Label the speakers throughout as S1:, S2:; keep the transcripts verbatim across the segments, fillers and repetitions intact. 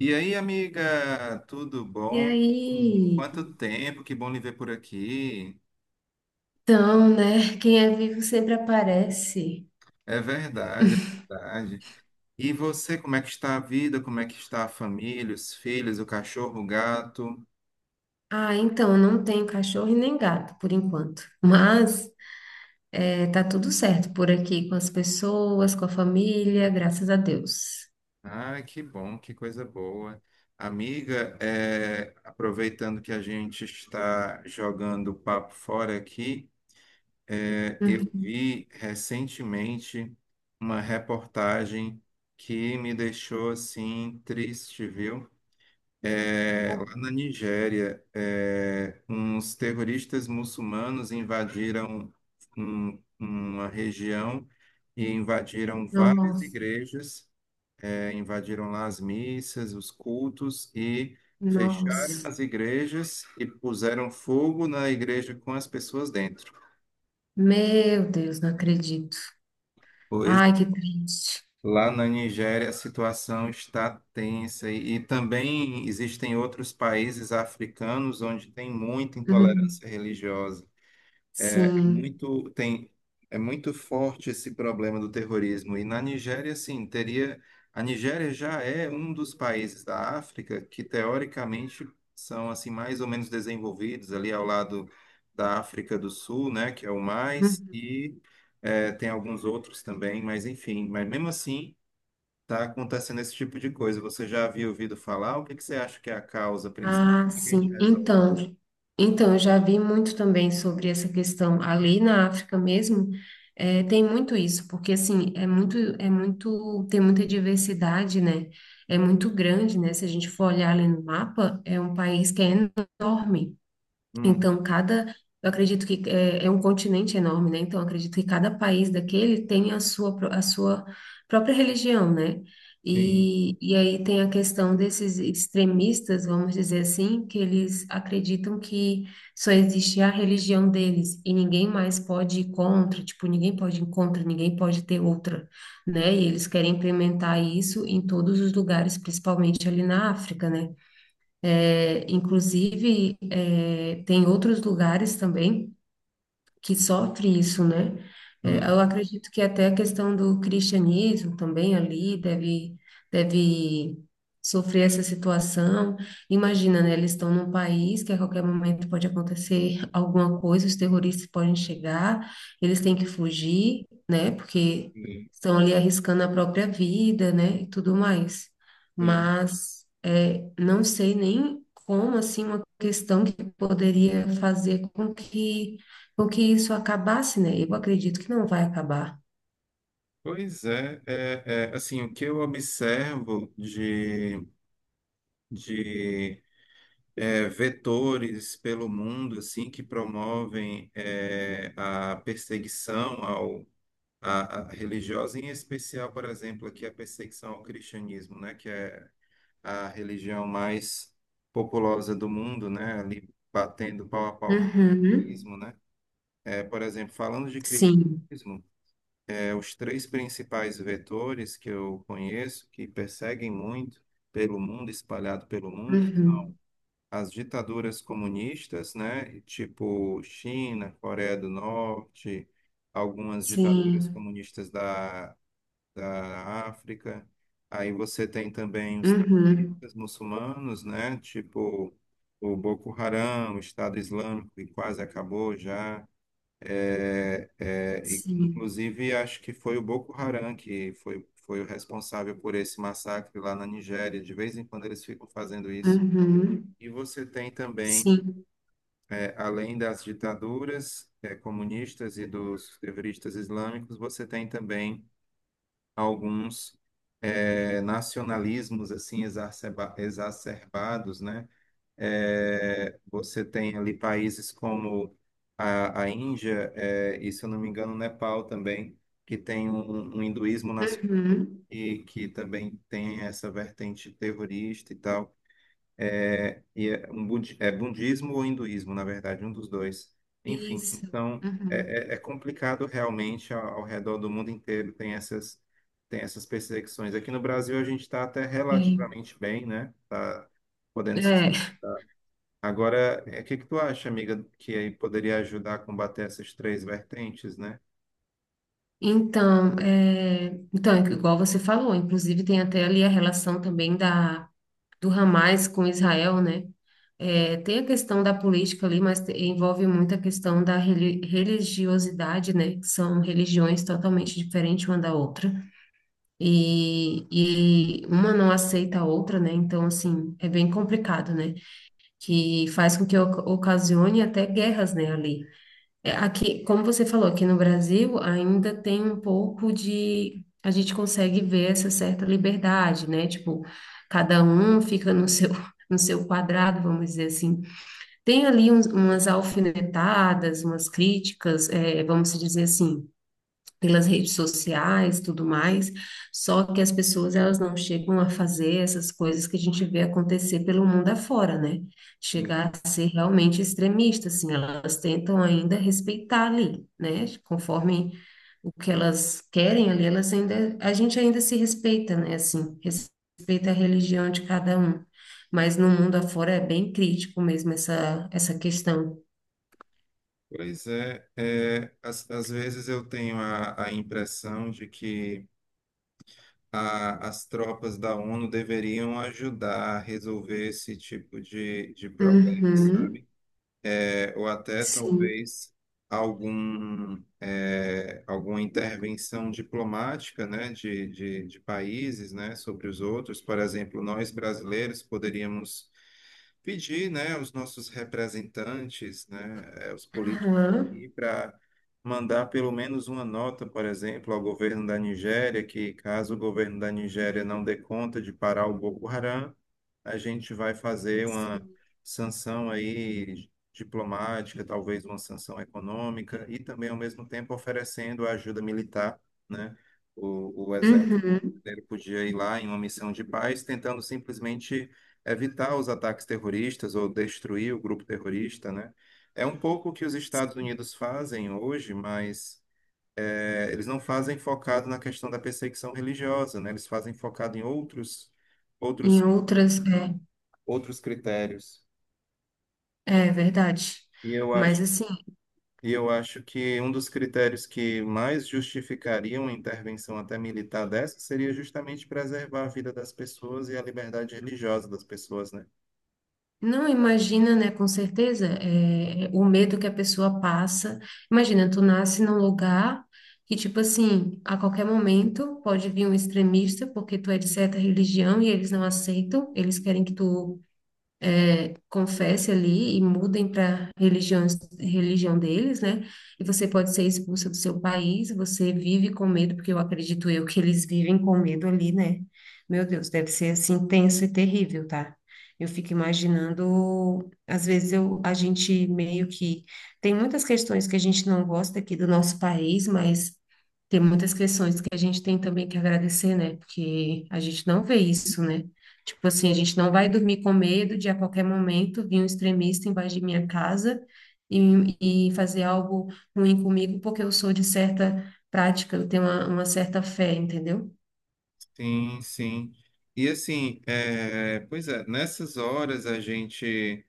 S1: E aí, amiga, tudo
S2: E
S1: bom? Hum,
S2: aí?
S1: Quanto tempo, que bom lhe ver por aqui.
S2: Então, né? Quem é vivo sempre aparece.
S1: É verdade, é verdade. E você, como é que está a vida? Como é que está a família, os filhos, o cachorro, o gato?
S2: Ah, então, eu não tenho cachorro e nem gato, por enquanto. Mas eh, tá tudo certo por aqui, com as pessoas, com a família, graças a Deus.
S1: Ai, que bom, que coisa boa. Amiga, é, aproveitando que a gente está jogando o papo fora aqui, é, eu
S2: Uhum.
S1: vi recentemente uma reportagem que me deixou assim triste, viu? É,
S2: Pô.
S1: lá na Nigéria, é, uns terroristas muçulmanos invadiram um- um, uma região e invadiram várias
S2: Nossa,
S1: igrejas, é, invadiram lá as missas, os cultos e fecharam
S2: nossa.
S1: as igrejas e puseram fogo na igreja com as pessoas dentro.
S2: Meu Deus, não acredito.
S1: Pois
S2: Ai, que triste.
S1: lá na Nigéria a situação está tensa e, e também existem outros países africanos onde tem muita
S2: Uhum.
S1: intolerância religiosa. É
S2: Sim.
S1: muito tem É muito forte esse problema do terrorismo, e na Nigéria sim teria a Nigéria já é um dos países da África que teoricamente são assim mais ou menos desenvolvidos, ali ao lado da África do Sul, né, que é o mais, e é, tem alguns outros também, mas enfim, mas mesmo assim está acontecendo esse tipo de coisa. Você já havia ouvido falar? O que que você acha que é a causa principal?
S2: Ah,
S1: Como é que a gente
S2: sim.
S1: resolve?
S2: Então, então, eu já vi muito também sobre essa questão ali na África mesmo. Eh, tem muito isso, porque assim, é muito, é muito, tem muita diversidade, né? É muito grande, né? Se a gente for olhar ali no mapa, é um país que é enorme.
S1: Hum,
S2: Então, cada, eu acredito que é, é um continente enorme, né? Então, eu acredito que cada país daquele tem a sua, pró- a sua própria religião, né?
S1: sim,
S2: E, e aí tem a questão desses extremistas, vamos dizer assim, que eles acreditam que só existe a religião deles e ninguém mais pode ir contra, tipo, ninguém pode ir contra, ninguém pode ter outra, né? E eles querem implementar isso em todos os lugares, principalmente ali na África, né? É, inclusive, é, tem outros lugares também que sofre isso, né? É,
S1: hum,
S2: eu acredito que até a questão do cristianismo também ali deve, deve sofrer essa situação. Imagina, né? Eles estão num país que a qualquer momento pode acontecer alguma coisa, os terroristas podem chegar, eles têm que fugir, né? Porque
S1: sim,
S2: estão ali arriscando a própria vida, né? E tudo mais.
S1: sim.
S2: Mas é, não sei nem como, assim, uma questão que poderia fazer com que porque isso acabasse, né? Eu acredito que não vai acabar.
S1: Pois é, é, é, assim, o que eu observo de, de é, vetores pelo mundo, assim, que promovem é, a perseguição ao, à, à religiosa, em especial, por exemplo, aqui a perseguição ao cristianismo, né, que é a religião mais populosa do mundo, né, ali batendo pau a pau com o
S2: Uhum.
S1: cristianismo, né, é, por exemplo, falando de
S2: Sim.
S1: cristianismo. É, os três principais vetores que eu conheço, que perseguem muito pelo mundo, espalhado pelo mundo,
S2: Uhum.
S1: são as ditaduras comunistas, né? Tipo China, Coreia do Norte, algumas ditaduras
S2: Sim.
S1: comunistas da, da África. Aí você tem também os
S2: Uhum.
S1: terroristas muçulmanos, né? Tipo o Boko Haram, o Estado Islâmico, que quase acabou já. É, é, e,
S2: Sim.
S1: inclusive, acho que foi o Boko Haram que foi, foi o responsável por esse massacre lá na Nigéria. De vez em quando eles ficam fazendo isso.
S2: Uhum.
S1: E você tem também,
S2: Sim.
S1: é, além das ditaduras, é, comunistas e dos terroristas islâmicos, você tem também alguns, é, nacionalismos assim exacerba- exacerbados, né? É, você tem ali países como a, a Índia, é, e, se eu não me engano, o Nepal também, que tem um, um um hinduísmo nas,
S2: Uhum.
S1: e que também tem essa vertente terrorista e tal. É, e é, um budi, é budismo ou hinduísmo, na verdade, um dos dois. Enfim,
S2: Isso.
S1: então
S2: Uhum.
S1: é, é é complicado. Realmente ao, ao redor do mundo inteiro tem essas, tem essas perseguições. Aqui no Brasil a gente está até
S2: É.
S1: relativamente bem, né? Tá podendo se
S2: É.
S1: Agora, é, o que que tu acha, amiga, que aí poderia ajudar a combater essas três vertentes, né?
S2: Então, é... então, igual você falou, inclusive tem até ali a relação também da do Hamas com Israel, né? É, tem a questão da política ali, mas te- envolve muito a questão da reli- religiosidade, né? Que são religiões totalmente diferentes uma da outra. E, e uma não aceita a outra, né? Então, assim, é bem complicado, né? Que faz com que oc- ocasione até guerras, né, ali. É, aqui, como você falou, aqui no Brasil ainda tem um pouco de... A gente consegue ver essa certa liberdade, né? Tipo, cada um fica no seu, no seu quadrado, vamos dizer assim. Tem ali uns- umas alfinetadas, umas críticas, eh, vamos dizer assim, pelas redes sociais, tudo mais, só que as pessoas elas não chegam a fazer essas coisas que a gente vê acontecer pelo mundo afora, né?
S1: Sim.
S2: Chegar a ser realmente extremista, assim, elas tentam ainda respeitar ali, né? Conforme o que elas querem ali, elas ainda, a gente ainda se respeita, né? Assim, respeita a religião de cada um. Mas no mundo afora é bem crítico mesmo essa, essa questão.
S1: Pois é, é, às, às vezes eu tenho a, a impressão de que a- as tropas da ONU deveriam ajudar a resolver esse tipo de, de problema,
S2: Uhum,
S1: sabe? É, ou até
S2: sim.
S1: talvez algum, é, alguma intervenção diplomática, né, de, de, de países, né, sobre os outros. Por exemplo, nós brasileiros poderíamos pedir, né, os nossos representantes, né, eh, os políticos
S2: Aham.
S1: aqui, para mandar pelo menos uma nota, por exemplo, ao governo da Nigéria, que caso o governo da Nigéria não dê conta de parar o Boko Haram, a gente vai fazer uma sanção aí diplomática, talvez uma sanção econômica, e também, ao mesmo tempo, oferecendo ajuda militar, né? O, o exército
S2: Uhum.
S1: brasileiro podia ir lá em uma missão de paz, tentando simplesmente evitar os ataques terroristas ou destruir o grupo terrorista, né? É um pouco o que os Estados Unidos fazem hoje, mas eh, eles não fazem focado na questão da perseguição religiosa, né? Eles fazem focado em outros,
S2: Em
S1: outros,
S2: outras, é,
S1: outros critérios.
S2: é verdade.
S1: E eu acho,
S2: Mas assim,
S1: e eu acho que um dos critérios que mais justificaria uma intervenção até militar dessa seria justamente preservar a vida das pessoas e a liberdade religiosa das pessoas, né?
S2: não, imagina, né, com certeza, é, o medo que a pessoa passa. Imagina, tu nasce num lugar que, tipo assim, a qualquer momento pode vir um extremista, porque tu é de certa religião e eles não aceitam, eles querem que tu confesse ali e mudem para religião, religião deles, né? E você pode ser expulsa do seu país, você vive com medo, porque eu acredito eu que eles vivem com medo ali, né? Meu Deus, deve ser assim tenso e terrível, tá? Eu fico imaginando, às vezes eu, a gente meio que tem muitas questões que a gente não gosta aqui do nosso país, mas tem muitas questões que a gente tem também que agradecer, né? Porque a gente não vê isso, né? Tipo assim, a gente não vai dormir com medo de a qualquer momento vir um extremista embaixo de minha casa e, e fazer algo ruim comigo, porque eu sou de certa prática, eu tenho uma, uma certa fé, entendeu?
S1: Sim, sim. E assim, é, pois é, nessas horas a gente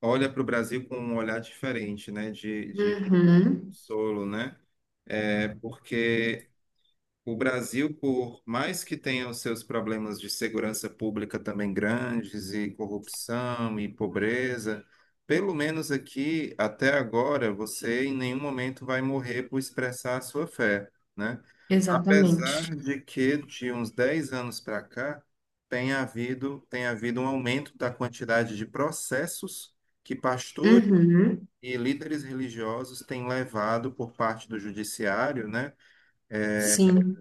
S1: olha para o Brasil com um olhar diferente, né? De, de
S2: Uhum,
S1: solo, né? É porque O Brasil, por mais que tenha os seus problemas de segurança pública também grandes, e corrupção e pobreza, pelo menos aqui, até agora, você em nenhum momento vai morrer por expressar a sua fé, né?
S2: exatamente.
S1: Apesar de que, de uns dez anos para cá, tem havido, tem havido um aumento da quantidade de processos que pastores
S2: Uhum,
S1: e líderes religiosos têm levado por parte do judiciário, né?
S2: sim.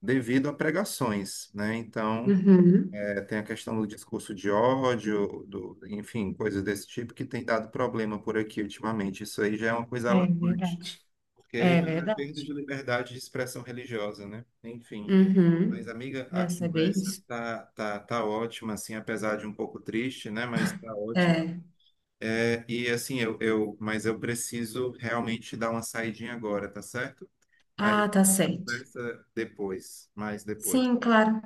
S1: Devido a pregações, né? Então,
S2: Uhum.
S1: é, tem a questão do discurso de ódio, do, enfim, coisas desse tipo que tem dado problema por aqui ultimamente. Isso aí já é uma coisa
S2: É
S1: alarmante,
S2: verdade.
S1: porque
S2: É
S1: já é perda
S2: verdade.
S1: de liberdade de expressão religiosa, né? Enfim. Mas,
S2: Uhum.
S1: amiga, a
S2: Essa é bem
S1: conversa
S2: isso.
S1: tá, tá, tá ótima, assim, apesar de um pouco triste, né? Mas tá ótimo.
S2: É.
S1: É, e assim, eu, eu, mas eu preciso realmente dar uma saidinha agora, tá certo?
S2: Ah,
S1: Aí
S2: tá certo.
S1: conversa depois, mais depois.
S2: Sim, claro.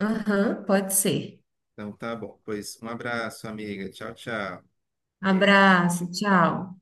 S2: Aham, pode ser.
S1: Então tá bom. Pois um abraço, amiga. Tchau, tchau.
S2: Abraço, tchau.